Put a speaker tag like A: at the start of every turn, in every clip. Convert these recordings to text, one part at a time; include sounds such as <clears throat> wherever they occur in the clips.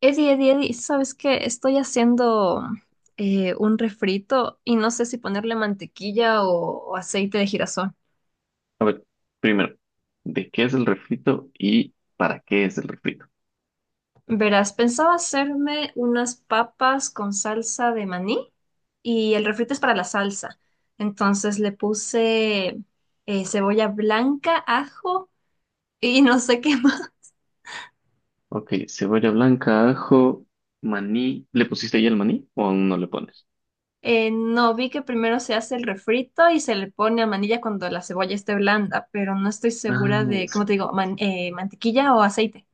A: Eddie, Eddie, Eddie, ¿sabes qué? Estoy haciendo un refrito y no sé si ponerle mantequilla o aceite de girasol.
B: A ver, primero, ¿de qué es el refrito y para qué es el refrito?
A: Verás, pensaba hacerme unas papas con salsa de maní y el refrito es para la salsa. Entonces le puse cebolla blanca, ajo y no sé qué <laughs> más.
B: Ok, cebolla blanca, ajo, maní. ¿Le pusiste ya el maní o aún no le pones?
A: No, vi que primero se hace el refrito y se le pone a manilla cuando la cebolla esté blanda, pero no estoy
B: Ah,
A: segura
B: la
A: de, ¿cómo te
B: cebolla.
A: digo? Mantequilla o aceite.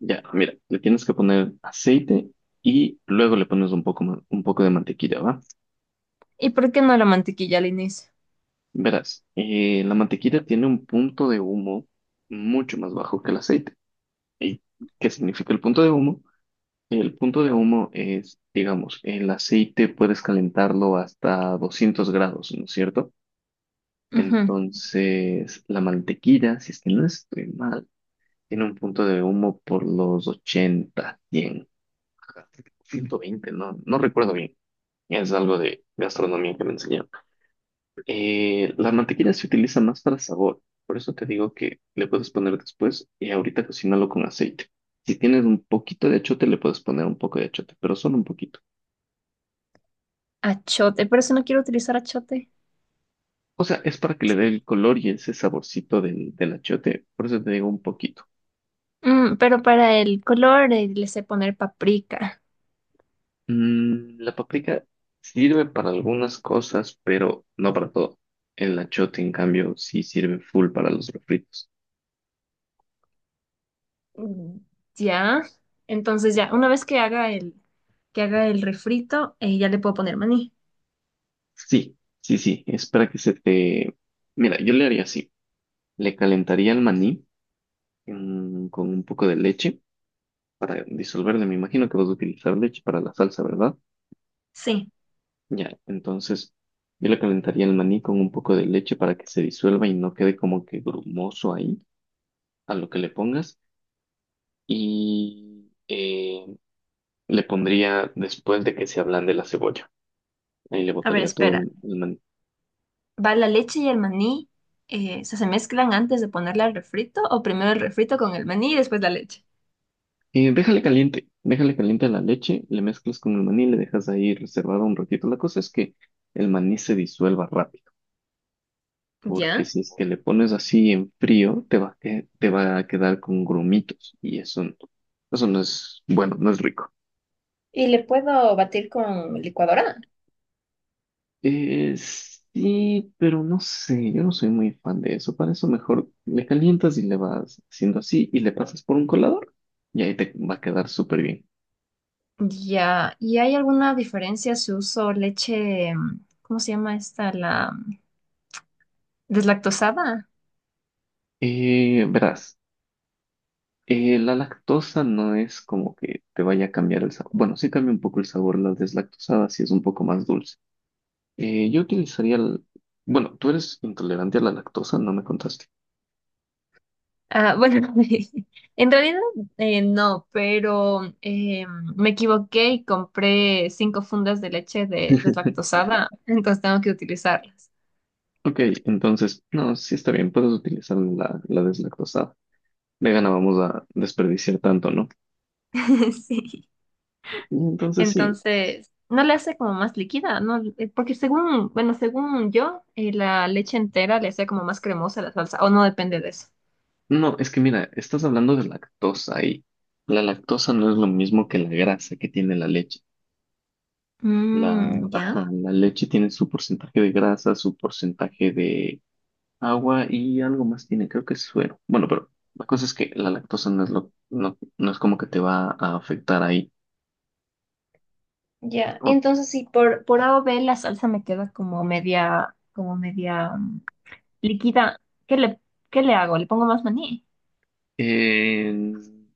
B: Ya, mira, le tienes que poner aceite y luego le pones un poco de mantequilla, ¿va?
A: ¿Y por qué no la mantequilla al inicio?
B: Verás, la mantequilla tiene un punto de humo mucho más bajo que el aceite. ¿Y qué significa el punto de humo? El punto de humo es, digamos, el aceite puedes calentarlo hasta 200 grados, ¿no es cierto?
A: Ujú.
B: Entonces, la mantequilla, si es que no estoy mal, tiene un punto de humo por los 80, 100, 120, no, no recuerdo bien. Es algo de gastronomía que me enseñaron. La mantequilla se utiliza más para sabor, por eso te digo que le puedes poner después y ahorita cocínalo con aceite. Si tienes un poquito de achiote, le puedes poner un poco de achiote, pero solo un poquito.
A: Achote, pero eso no quiero utilizar achote.
B: O sea, es para que le dé el color y ese saborcito del achiote. Por eso te digo un poquito.
A: Mm, pero para el color le sé poner paprika.
B: La paprika sirve para algunas cosas, pero no para todo. El achiote, en cambio, sí sirve full para los refritos.
A: Mm. Ya. Entonces ya, una vez que haga que haga el refrito, ya le puedo poner maní.
B: Sí, sí, sí. Es para que se te... Mira, yo le haría así. Le calentaría el maní con un poco de leche para disolverle. Me imagino que vas a utilizar leche para la salsa, ¿verdad?
A: Sí.
B: Ya, entonces yo le calentaría el maní con un poco de leche para que se disuelva y no quede como que grumoso ahí a lo que le pongas. Y le pondría después de que se ablande la cebolla. Ahí le
A: A ver,
B: botaría todo
A: espera.
B: el maní.
A: ¿Va la leche y el maní? O sea, ¿se mezclan antes de ponerle al refrito? ¿O primero el refrito con el maní y después la leche?
B: Déjale caliente, déjale caliente la leche, le mezclas con el maní, le dejas ahí reservado un ratito. La cosa es que el maní se disuelva rápido, porque
A: Ya.
B: si es que le pones así en frío, te va a quedar con grumitos y eso, eso no es bueno, no es rico.
A: ¿Y le puedo batir con licuadora?
B: Eh, sí, pero no sé, yo no soy muy fan de eso. Para eso mejor le calientas y le vas haciendo así y le pasas por un colador y ahí te va a quedar súper bien.
A: Ya, ¿y hay alguna diferencia si uso leche, mm, ¿cómo se llama esta? La mm, deslactosada.
B: Verás, la lactosa no es como que te vaya a cambiar el sabor. Bueno, sí cambia un poco el sabor, la deslactosada sí es un poco más dulce. Yo utilizaría el... Bueno, tú eres intolerante a la lactosa, no me contaste.
A: Ah, bueno, <laughs> en realidad no, pero me equivoqué y compré cinco fundas de leche de
B: <laughs>
A: deslactosada, <laughs> entonces tengo que utilizarlas.
B: Ok, entonces, no, sí está bien, puedes utilizar la deslactosada. Vegana, vamos a desperdiciar tanto, ¿no?
A: <laughs> Sí.
B: Entonces sí,
A: Entonces, no le hace como más líquida, ¿no? Porque según, bueno, según yo, la leche entera le hace como más cremosa la salsa, o no depende de eso.
B: no, es que mira, estás hablando de lactosa y la lactosa no es lo mismo que la grasa que tiene la leche.
A: Mm, ya.
B: Ajá, la leche tiene su porcentaje de grasa, su porcentaje de agua y algo más tiene, creo que es suero. Bueno, pero la cosa es que la lactosa no es lo, no, no es como que te va a afectar ahí.
A: Ya, y
B: O-
A: entonces sí, por A o B la salsa me queda como media, como media líquida. ¿Qué le, ¿qué le hago? ¿Le pongo más maní?
B: eh,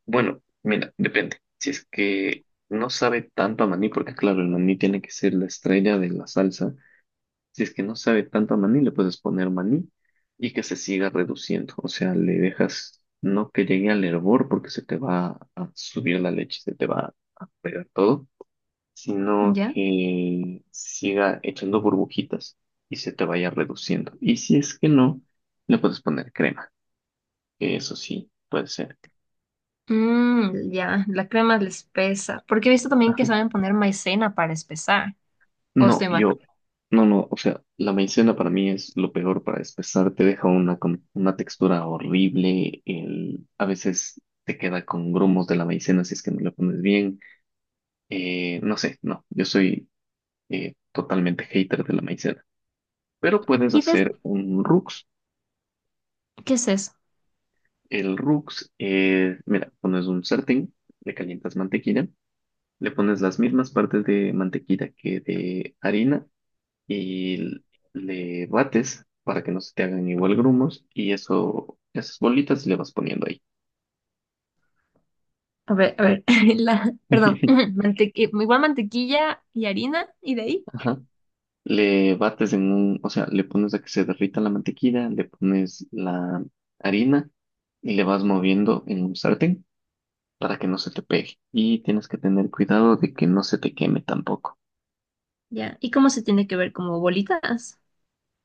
B: bueno, mira, depende. Si es que no sabe tanto a maní, porque claro, el maní tiene que ser la estrella de la salsa. Si es que no sabe tanto a maní, le puedes poner maní y que se siga reduciendo. O sea, le dejas, no que llegue al hervor porque se te va a subir la leche, se te va a pegar todo, sino
A: ¿Ya?
B: que siga echando burbujitas y se te vaya reduciendo. Y si es que no, le puedes poner crema, que eso sí puede ser.
A: Mm, ya, la crema le espesa. Porque he visto también que
B: <laughs>
A: saben poner maicena para espesar. O
B: No,
A: estoy mal.
B: yo, no, no, o sea, la maicena para mí es lo peor para despezar, te deja una, con una textura horrible, el, a veces te queda con grumos de la maicena si es que no le pones bien, no sé, no, yo soy totalmente hater de la maicena, pero puedes
A: ¿Y des-
B: hacer un rux.
A: ¿qué es eso?
B: El rux, mira, pones un sartén, le calientas mantequilla, le pones las mismas partes de mantequilla que de harina, y le bates para que no se te hagan igual grumos y eso, esas bolitas le vas poniendo ahí.
A: A ver, <laughs> la, perdón, <clears throat>
B: <laughs>
A: <laughs> igual mantequilla y harina, y de ahí.
B: Ajá. Le bates en un, o sea, le pones a que se derrita la mantequilla, le pones la harina y le vas moviendo en un sartén para que no se te pegue. Y tienes que tener cuidado de que no se te queme tampoco.
A: Ya, ¿y cómo se tiene que ver? ¿Como bolitas?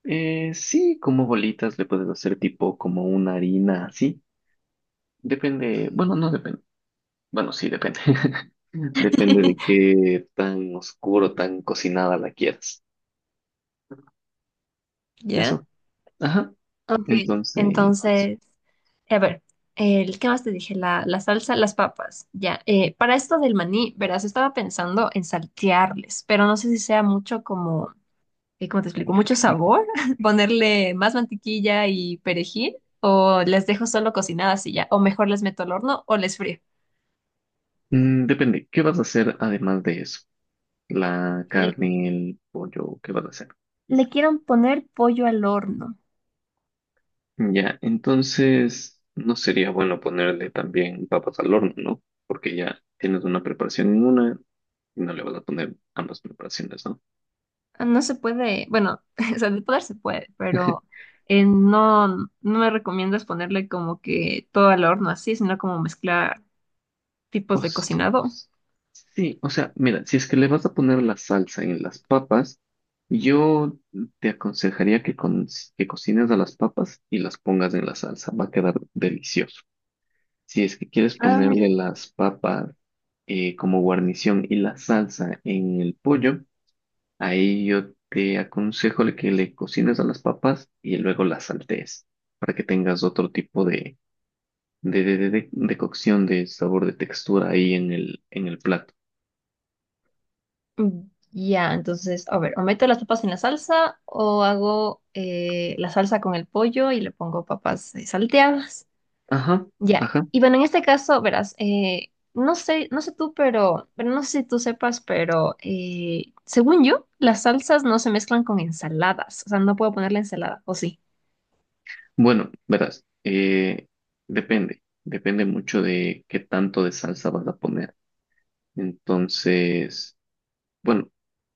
B: Sí, como bolitas le puedes hacer tipo como una harina así. Depende, bueno, no depende. Bueno, sí, depende. <laughs> Depende de
A: <laughs>
B: qué tan oscuro, tan cocinada la quieras.
A: ¿Ya?
B: Eso. Ajá.
A: Ok,
B: Entonces, eso.
A: entonces. A ver, el, ¿qué más te dije? La salsa, las papas. Ya, para esto del maní, verás, estaba pensando en saltearles, pero no sé si sea mucho como, ¿cómo te explico? Mucho sabor, <laughs> ponerle más mantequilla y perejil, o las dejo solo cocinadas y ya, o mejor les meto al horno o les frío.
B: Mm, depende. ¿Qué vas a hacer además de eso? La
A: L-
B: carne, el pollo, ¿qué vas a hacer?
A: Le quieren poner pollo al horno.
B: Ya, entonces no sería bueno ponerle también papas al horno, ¿no? Porque ya tienes una preparación en una y no le vas a poner ambas preparaciones, ¿no?
A: Ah, no se puede, bueno, <laughs> o sea, de poder se puede, pero
B: <laughs>
A: no, no me recomiendas ponerle como que todo al horno así, sino como mezclar tipos de
B: Pues
A: cocinado.
B: sí, o sea, mira, si es que le vas a poner la salsa en las papas, yo te aconsejaría que, que cocines a las papas y las pongas en la salsa, va a quedar delicioso. Si es que quieres ponerle las papas como guarnición y la salsa en el pollo, ahí yo te aconsejo que le cocines a las papas y luego las saltees para que tengas otro tipo de cocción, de sabor, de textura ahí en el plato.
A: Mm. Ya, entonces, a ver, o meto las papas en la salsa o hago la salsa con el pollo y le pongo papas salteadas.
B: Ajá.
A: Ya.
B: Ajá.
A: Y bueno, en este caso, verás, no sé, no sé tú, pero no sé si tú sepas, pero según yo, las salsas no se mezclan con ensaladas. O sea, no puedo poner la ensalada, ¿o sí?
B: Bueno, verás, depende, depende mucho de qué tanto de salsa vas a poner. Entonces, bueno,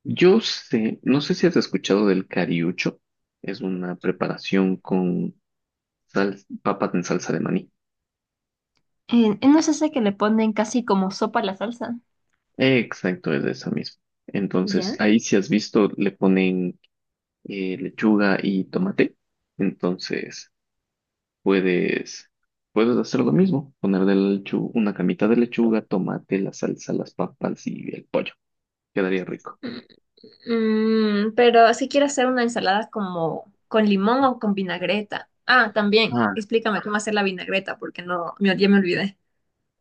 B: yo sé, no sé si has escuchado del cariucho, es una preparación con papas en salsa de maní.
A: No es ese que le ponen casi como sopa a la salsa.
B: Exacto, es de esa misma. Entonces,
A: ¿Ya?
B: ahí si has visto, le ponen lechuga y tomate. Entonces, puedes, puedes hacer lo mismo, poner de una camita de lechuga, tomate, la salsa, las papas y el pollo. Quedaría rico.
A: Mm, pero si quiero hacer una ensalada como con limón o con vinagreta. Ah, también,
B: Ah,
A: explícame cómo hacer la vinagreta, porque no, ya me olvidé.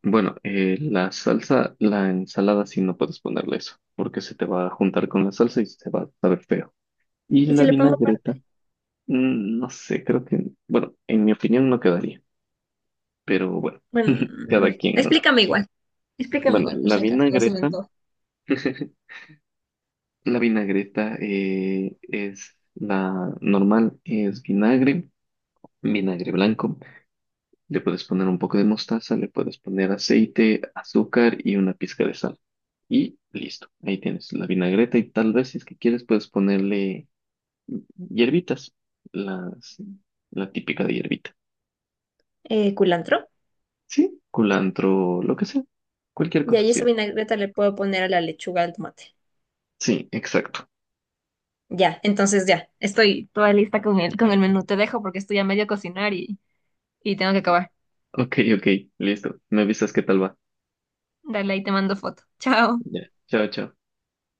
B: bueno, la ensalada sí no puedes ponerle eso, porque se te va a juntar con la salsa y se va a saber feo. Y
A: Y
B: la
A: si le pongo, par-
B: vinagreta, no sé, creo que, bueno, en mi opinión no quedaría, pero bueno,
A: bueno,
B: <laughs>
A: mm,
B: cada quien, ¿no?
A: explícame
B: Bueno,
A: igual, por
B: la
A: si acaso, no se me
B: vinagreta,
A: antoja.
B: <laughs> la vinagreta es la normal, es vinagre blanco, le puedes poner un poco de mostaza, le puedes poner aceite, azúcar y una pizca de sal. Y listo, ahí tienes la vinagreta y tal vez si es que quieres puedes ponerle hierbitas, las, la típica de hierbita.
A: Culantro.
B: Sí, culantro, lo que sea, cualquier
A: Y
B: cosa
A: ahí esa
B: sirve.
A: vinagreta le puedo poner a la lechuga al tomate.
B: Sí, exacto.
A: Ya, entonces ya, estoy toda lista con con el menú. Te dejo porque estoy a medio cocinar y tengo que acabar.
B: Ok, ok, listo. Me avisas qué tal va.
A: Dale, ahí te mando foto. Chao.
B: Ya, chao, chao.